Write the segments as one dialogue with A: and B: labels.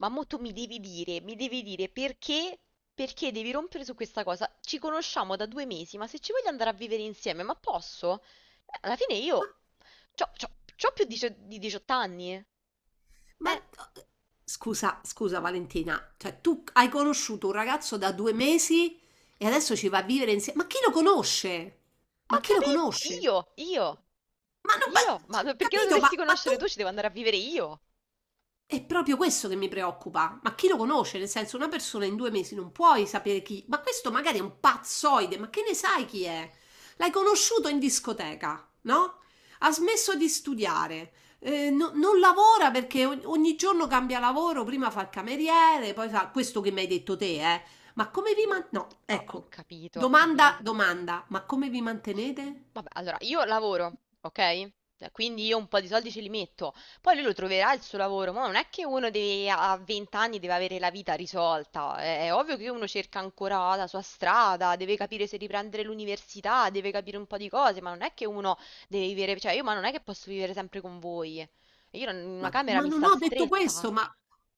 A: Ma mo tu mi devi dire perché, perché devi rompere su questa cosa. Ci conosciamo da 2 mesi, ma se ci voglio andare a vivere insieme, ma posso? Alla fine io c'ho, c'ho- c'ho più di 18 anni.
B: Ma
A: Eh,
B: d- scusa, scusa Valentina, cioè tu hai conosciuto un ragazzo da due mesi e adesso ci va a vivere insieme. Ma chi lo conosce?
A: ho
B: Ma chi lo
A: capito!
B: conosce?
A: Io, io,
B: Ma non,
A: io!
B: ma-
A: Ma
B: ho
A: perché lo
B: capito, ma,
A: dovresti
B: ma tu...
A: conoscere tu? Ci devo andare a vivere io!
B: È proprio questo che mi preoccupa. Ma chi lo conosce? Nel senso, una persona in due mesi non puoi sapere chi. Ma questo magari è un pazzoide, ma che ne sai chi è? L'hai conosciuto in discoteca, no? Ha smesso di studiare. Non lavora perché ogni giorno cambia lavoro, prima fa il cameriere, poi fa questo che mi hai detto te, eh. Ma come vi man... No,
A: Ah, ho
B: ecco.
A: capito.
B: Domanda, domanda, ma come vi mantenete?
A: Vabbè, allora io lavoro, ok? Quindi io un po' di soldi ce li metto, poi lui lo troverà il suo lavoro, ma non è che a 20 anni deve avere la vita risolta, è ovvio che uno cerca ancora la sua strada, deve capire se riprendere l'università, deve capire un po' di cose, ma non è che uno deve vivere, cioè io ma non è che posso vivere sempre con voi, io non- una
B: Ma
A: camera
B: ma
A: mi
B: non
A: sta
B: ho detto
A: stretta.
B: questo,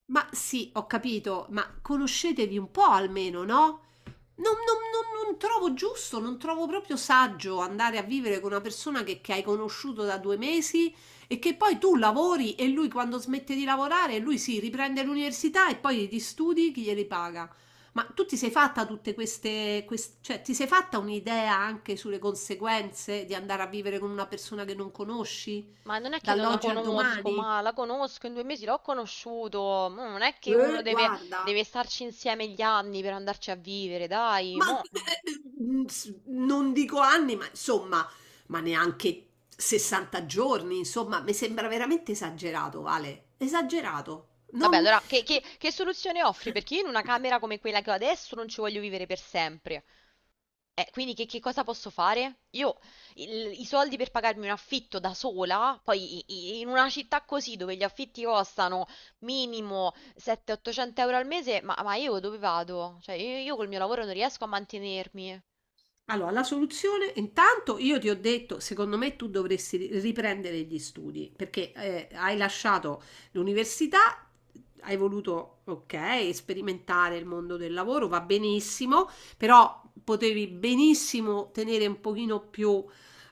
B: ma sì, ho capito, ma conoscetevi un po' almeno, no? Non trovo giusto, non trovo proprio saggio andare a vivere con una persona che hai conosciuto da due mesi e che poi tu lavori e lui quando smette di lavorare, lui si riprende l'università e poi gli studi chi glieli paga. Ma tu ti sei fatta tutte queste, cioè ti sei fatta un'idea anche sulle conseguenze di andare a vivere con una persona che non conosci. Ma
A: Ma non è che non la
B: dall'oggi al
A: conosco,
B: domani?
A: ma la conosco, in due mesi l'ho conosciuto. Mo non è che
B: Guarda,
A: deve starci insieme gli anni per andarci a vivere, dai.
B: ma
A: Mo.
B: non dico anni, ma insomma, ma neanche 60 giorni, insomma, mi sembra veramente esagerato, Vale, esagerato.
A: Vabbè,
B: Non...
A: allora, che soluzione offri? Perché io in una camera come quella che ho adesso non ci voglio vivere per sempre. Quindi che cosa posso fare? Io i soldi per pagarmi un affitto da sola, poi in una città così dove gli affitti costano minimo 700-800 euro al mese, ma io dove vado? Cioè, io col mio lavoro non riesco a mantenermi.
B: Allora, la soluzione, intanto io ti ho detto, secondo me tu dovresti riprendere gli studi, perché hai lasciato l'università, hai voluto, ok, sperimentare il mondo del lavoro, va benissimo, però potevi benissimo tenere un pochino più,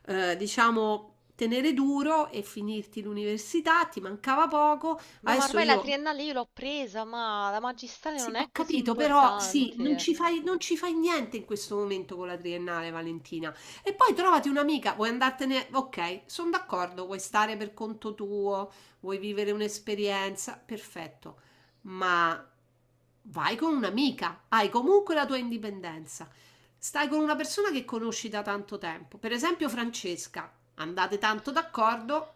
B: diciamo, tenere duro e finirti l'università, ti mancava poco.
A: Beh, ma
B: Adesso
A: ormai la
B: io
A: triennale io l'ho presa, ma la magistrale
B: sì,
A: non è
B: ho
A: così
B: capito, però sì, non
A: importante.
B: ci fai non ci fai niente in questo momento con la triennale, Valentina. E poi trovati un'amica, vuoi andartene? Ok, sono d'accordo, vuoi stare per conto tuo, vuoi vivere un'esperienza, perfetto. Ma vai con un'amica, hai comunque la tua indipendenza. Stai con una persona che conosci da tanto tempo, per esempio Francesca, andate tanto d'accordo,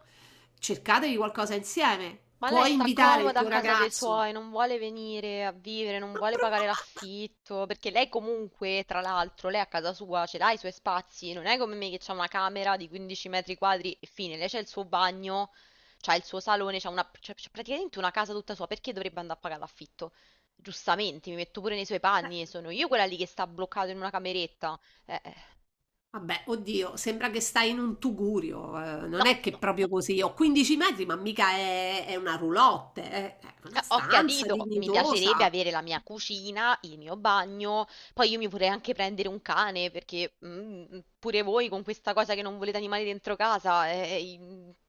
B: cercatevi qualcosa insieme,
A: Ma lei
B: puoi
A: sta
B: invitare il
A: comoda a
B: tuo
A: casa dei
B: ragazzo.
A: suoi, non vuole venire a vivere, non
B: Ma-
A: vuole pagare
B: ma-
A: l'affitto, perché lei comunque, tra l'altro, lei a casa sua ce l'ha i suoi spazi, non è come me che c'ha una camera di 15 metri quadri e fine, lei c'ha il suo bagno, c'ha il suo salone, c'ha praticamente una casa tutta sua, perché dovrebbe andare a pagare l'affitto? Giustamente, mi metto pure nei suoi
B: ma-
A: panni, sono io quella lì che sta bloccato in una cameretta. Eh, eh.
B: Vabbè, oddio, sembra che stai in un tugurio,
A: No,
B: non è che
A: no.
B: proprio così, ho 15 metri, ma mica è una roulotte, è una
A: Ho
B: stanza
A: capito, mi piacerebbe
B: dignitosa,
A: avere la mia cucina, il mio bagno, poi io mi vorrei anche prendere un cane perché mm, pure voi con questa cosa che non volete animali dentro casa,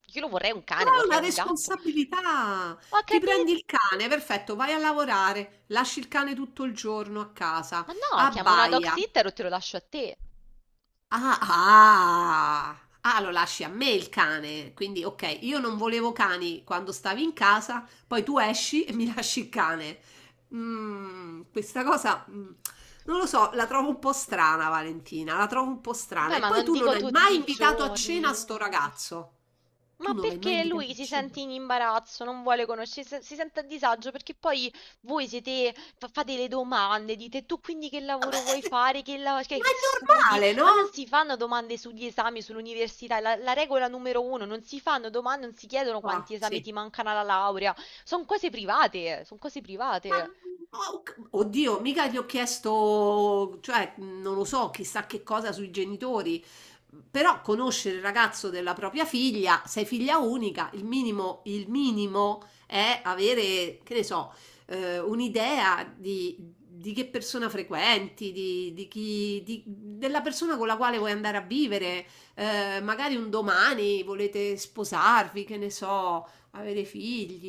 A: io lo vorrei un
B: ma
A: cane,
B: è
A: vorrei
B: una
A: un gatto.
B: responsabilità.
A: Ho
B: Ti prendi
A: capito,
B: il cane, perfetto, vai a lavorare, lasci il cane tutto il giorno a casa,
A: ma no, chiamo una dog
B: abbaia.
A: sitter o te lo lascio a te.
B: Ah, ah, ah, lo lasci a me il cane. Quindi, ok, io non volevo cani quando stavi in casa, poi tu esci e mi lasci il cane. Questa cosa, non lo so, la trovo un po' strana, Valentina, la trovo un po' strana.
A: Beh,
B: E
A: ma
B: poi
A: non
B: tu non
A: dico
B: hai
A: tutti
B: mai
A: i
B: invitato a cena
A: giorni.
B: sto ragazzo. Tu
A: Ma
B: non l'hai mai
A: perché
B: invitato
A: lui
B: a
A: si sente
B: cena?
A: in imbarazzo, non vuole conoscere, si sente a disagio perché poi voi siete, fate le domande, dite tu quindi che
B: Vabbè,
A: lavoro vuoi fare, che
B: ma
A: studi,
B: è normale,
A: ma non
B: no?
A: si fanno domande sugli esami, sull'università, è la regola numero uno, non si fanno domande, non si chiedono quanti
B: Ah,
A: esami
B: sì.
A: ti mancano alla laurea, sono cose private, sono cose
B: Ma,
A: private.
B: oh, oddio, mica gli ho chiesto, cioè, non lo so, chissà che cosa sui genitori, però conoscere il ragazzo della propria figlia, sei figlia unica, il minimo è avere, che ne so, un'idea di che persona frequenti, di chi, della persona con la quale vuoi andare a vivere, magari un domani volete sposarvi, che ne so, avere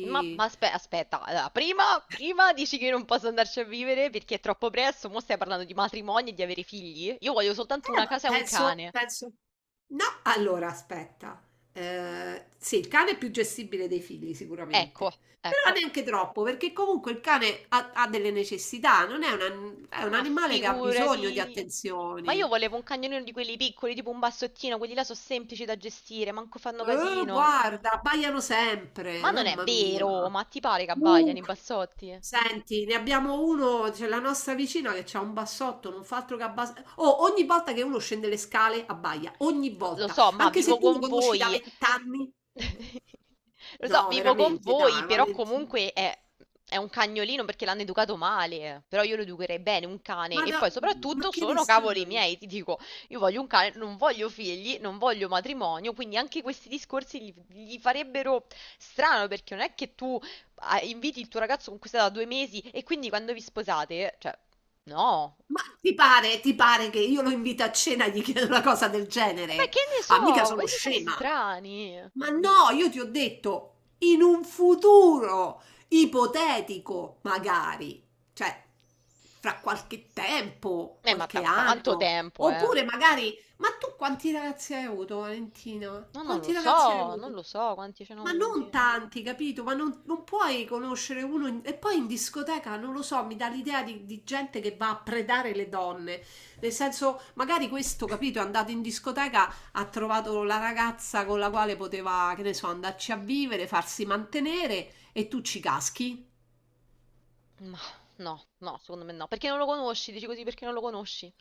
A: Aspetta, allora, prima dici che io non posso andarci a vivere perché è troppo presto, mo stai parlando di matrimonio e di avere figli? Io voglio soltanto una
B: Ma
A: casa e un
B: penso,
A: cane.
B: penso. No, allora aspetta. Sì, il cane è più gestibile dei figli,
A: Ecco,
B: sicuramente. Però
A: ecco.
B: neanche troppo, perché comunque il cane ha, ha delle necessità, non è un, è un
A: Ma
B: animale che ha bisogno di
A: figurati. Ma io
B: attenzioni.
A: volevo un cagnolino di quelli piccoli, tipo un bassottino, quelli là sono semplici da gestire, manco fanno casino.
B: Guarda, abbaiano
A: Ma
B: sempre,
A: non è
B: mamma mia.
A: vero, ma ti pare che
B: Uh.
A: abbaiano i bassotti?
B: Senti, ne abbiamo uno, c'è la nostra vicina che ha un bassotto, non fa altro che abbassare. Oh, ogni volta che uno scende le scale abbaia, ogni
A: Lo
B: volta,
A: so, ma
B: anche se
A: vivo
B: tu lo
A: con
B: conosci da
A: voi.
B: vent'anni.
A: Lo so,
B: No,
A: vivo con
B: veramente,
A: voi,
B: dai,
A: però
B: Valentina.
A: comunque è un cagnolino perché l'hanno educato male, eh. Però io lo educherei bene, un cane.
B: Ma,
A: E
B: da-
A: poi
B: ma
A: soprattutto
B: che ne
A: sono cavoli
B: sai?
A: miei, ti dico, io voglio un cane, non voglio figli, non voglio matrimonio, quindi anche questi discorsi gli farebbero strano perché non è che tu inviti il tuo ragazzo con cui sei da due mesi e quindi quando vi sposate, cioè, no.
B: Ma ti pare che io lo invito a cena e gli chiedo una cosa del
A: E beh,
B: genere?
A: che ne
B: Ah, mica
A: so,
B: sono
A: voi siete
B: scema.
A: strani.
B: Ma no, io ti ho detto in un futuro ipotetico, magari, cioè fra qualche tempo,
A: Ma
B: qualche
A: tanto
B: anno,
A: tempo, eh.
B: oppure magari ma tu quanti ragazzi hai avuto, Valentina?
A: No, non lo
B: Quanti ragazzi hai
A: so, non
B: avuto?
A: lo so quanti ce ne ho
B: Ma non
A: avuti.
B: tanti, capito? Ma non, non puoi conoscere uno. E poi in discoteca, non lo so, mi dà l'idea di gente che va a predare le donne. Nel senso, magari questo, capito, è andato in discoteca, ha trovato la ragazza con la quale poteva, che ne so, andarci a vivere, farsi mantenere e tu ci caschi.
A: Ma no, no, secondo me no. Perché non lo conosci? Dici così perché non lo conosci?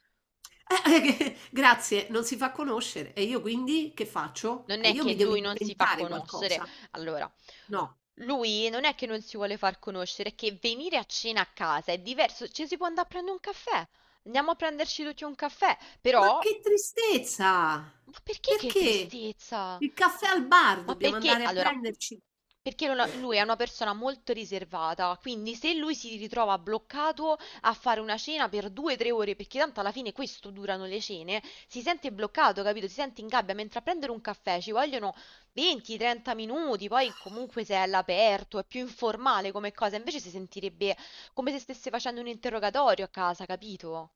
B: Grazie, non si fa conoscere. E io quindi che faccio?
A: Non
B: E
A: è
B: io
A: che
B: mi devo
A: lui non si fa
B: inventare
A: conoscere.
B: qualcosa.
A: Allora,
B: No.
A: lui non è che non si vuole far conoscere, è che venire a cena a casa è diverso. Ci si può andare a prendere un caffè. Andiamo a prenderci tutti un caffè.
B: Ma
A: Però,
B: che tristezza!
A: ma perché che
B: Perché?
A: tristezza?
B: Il caffè al bar
A: Ma
B: dobbiamo
A: perché
B: andare a
A: allora?
B: prenderci.
A: Perché non ha- lui è una persona molto riservata, quindi se lui si ritrova bloccato a fare una cena per 2 o 3 ore, perché tanto alla fine questo durano le cene, si sente bloccato, capito? Si sente in gabbia, mentre a prendere un caffè ci vogliono 20-30 minuti, poi comunque se è all'aperto, è più informale come cosa, invece si sentirebbe come se stesse facendo un interrogatorio a casa, capito?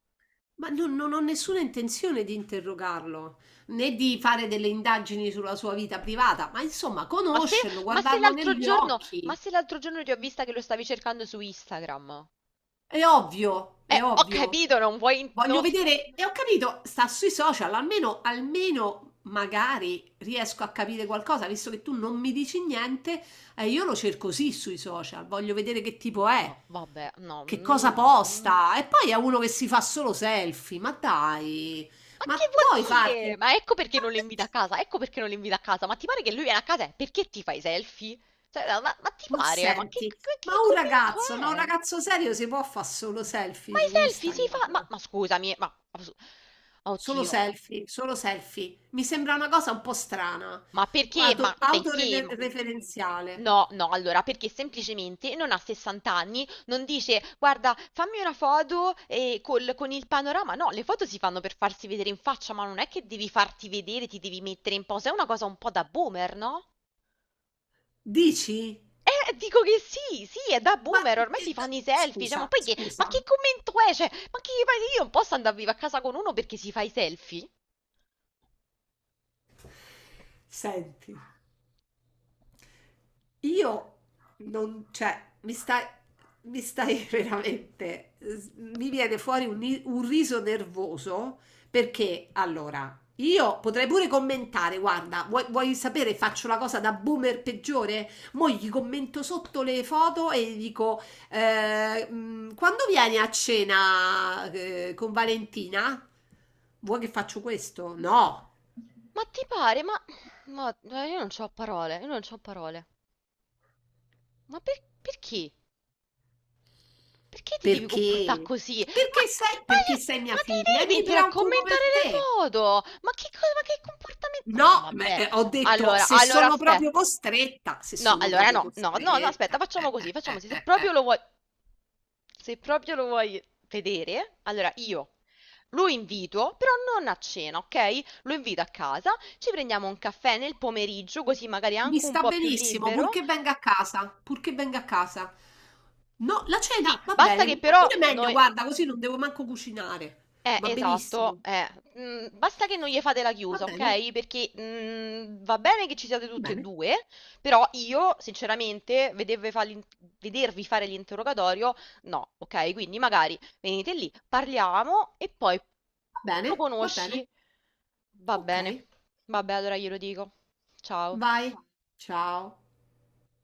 B: Ma non, non ho nessuna intenzione di interrogarlo, né di fare delle indagini sulla sua vita privata, ma insomma,
A: Ma se,
B: conoscerlo,
A: ma se
B: guardarlo
A: l'altro
B: negli
A: giorno, ma
B: occhi.
A: se l'altro giorno ti ho vista che lo stavi cercando su Instagram?
B: È ovvio, è
A: Ho
B: ovvio.
A: capito, non vuoi...
B: Voglio vedere, e ho capito, sta sui social, almeno, almeno magari riesco a capire qualcosa, visto che tu non mi dici niente, e io lo cerco sì sui social, voglio vedere che tipo
A: ma
B: è.
A: vabbè, no.
B: Che cosa
A: Mm.
B: posta? E poi è uno che si fa solo selfie. Ma dai,
A: Ma
B: ma
A: che
B: puoi
A: vuol
B: farti?
A: dire? Ma ecco perché
B: Ma
A: non lo invita
B: perché?
A: a casa, ecco perché non lo invita a casa. Ma ti pare che lui viene a casa? E perché ti fai i selfie? Cioè, ma ti
B: Ma
A: pare? Ma
B: senti, ma
A: che
B: un
A: commento
B: ragazzo, no, un
A: è?
B: ragazzo serio si può fare solo selfie
A: Ma i
B: su
A: selfie si
B: Instagram?
A: fa... ma scusami, ma-
B: Solo
A: oddio,
B: selfie, solo selfie. Mi sembra una cosa un po' strana,
A: ma perché? Ma perché? Ma...
B: autoreferenziale.
A: No, no, allora, perché semplicemente non ha 60 anni, non dice, guarda, fammi una foto con il panorama. No, le foto si fanno per farsi vedere in faccia, ma non è che devi farti vedere, ti devi mettere in posa. È una cosa un po' da boomer, no?
B: Dici?
A: Dico che sì, sì, è da
B: Ma
A: boomer, ormai si fanno i selfie, cioè, ma
B: scusa,
A: poi che, ma
B: scusa.
A: che commento è? Cioè, ma che, ma io non posso andare vivo a casa con uno perché si fa i selfie?
B: Senti. Io non, cioè, mi stai veramente, mi viene fuori un, un riso nervoso perché allora io potrei pure commentare, guarda, vuoi, vuoi sapere, faccio la cosa da boomer peggiore? Mo' gli commento sotto le foto e gli dico, quando vieni a cena con Valentina? Vuoi che faccio questo? No.
A: Ma ti pare? Io non c'ho parole, io non c'ho parole. Ma perché? Perché ti devi comportare
B: Perché?
A: così? Ma,
B: Perché
A: io-
B: sei mia
A: ma te
B: figlia e
A: devi
B: mi
A: mettere a
B: preoccupo per
A: commentare le
B: te.
A: foto? Ma che cosa, ma che comportamento? Ma no,
B: No, ma,
A: vabbè,
B: ho detto
A: allora,
B: se
A: allora
B: sono proprio
A: aspetta.
B: costretta, se
A: No,
B: sono
A: allora
B: proprio
A: no, aspetta,
B: costretta.
A: facciamo così, facciamo così. Se proprio
B: Eh.
A: lo vuoi, se proprio lo vuoi vedere, allora io lo invito, però non a cena, ok? Lo invito a casa, ci prendiamo un caffè nel pomeriggio, così magari è
B: Mi
A: anche un
B: sta
A: po' più
B: benissimo,
A: libero.
B: purché venga a casa, purché venga a casa. No, la
A: Sì,
B: cena va
A: basta
B: bene,
A: che
B: ma
A: però
B: pure meglio,
A: noi...
B: guarda, così non devo manco cucinare. Va
A: Esatto,
B: benissimo.
A: eh. Mm, basta che non gli fate la
B: Va
A: chiusa,
B: bene,
A: ok? Perché mm, va bene che ci siate
B: va
A: tutte e
B: bene,
A: due, però io, sinceramente, vedervi, vedervi fare l'interrogatorio, no, ok? Quindi magari venite lì, parliamo e poi
B: va bene,
A: lo
B: va bene.
A: conosci. Va
B: Ok,
A: bene, vabbè, allora glielo dico. Ciao.
B: vai. Ciao.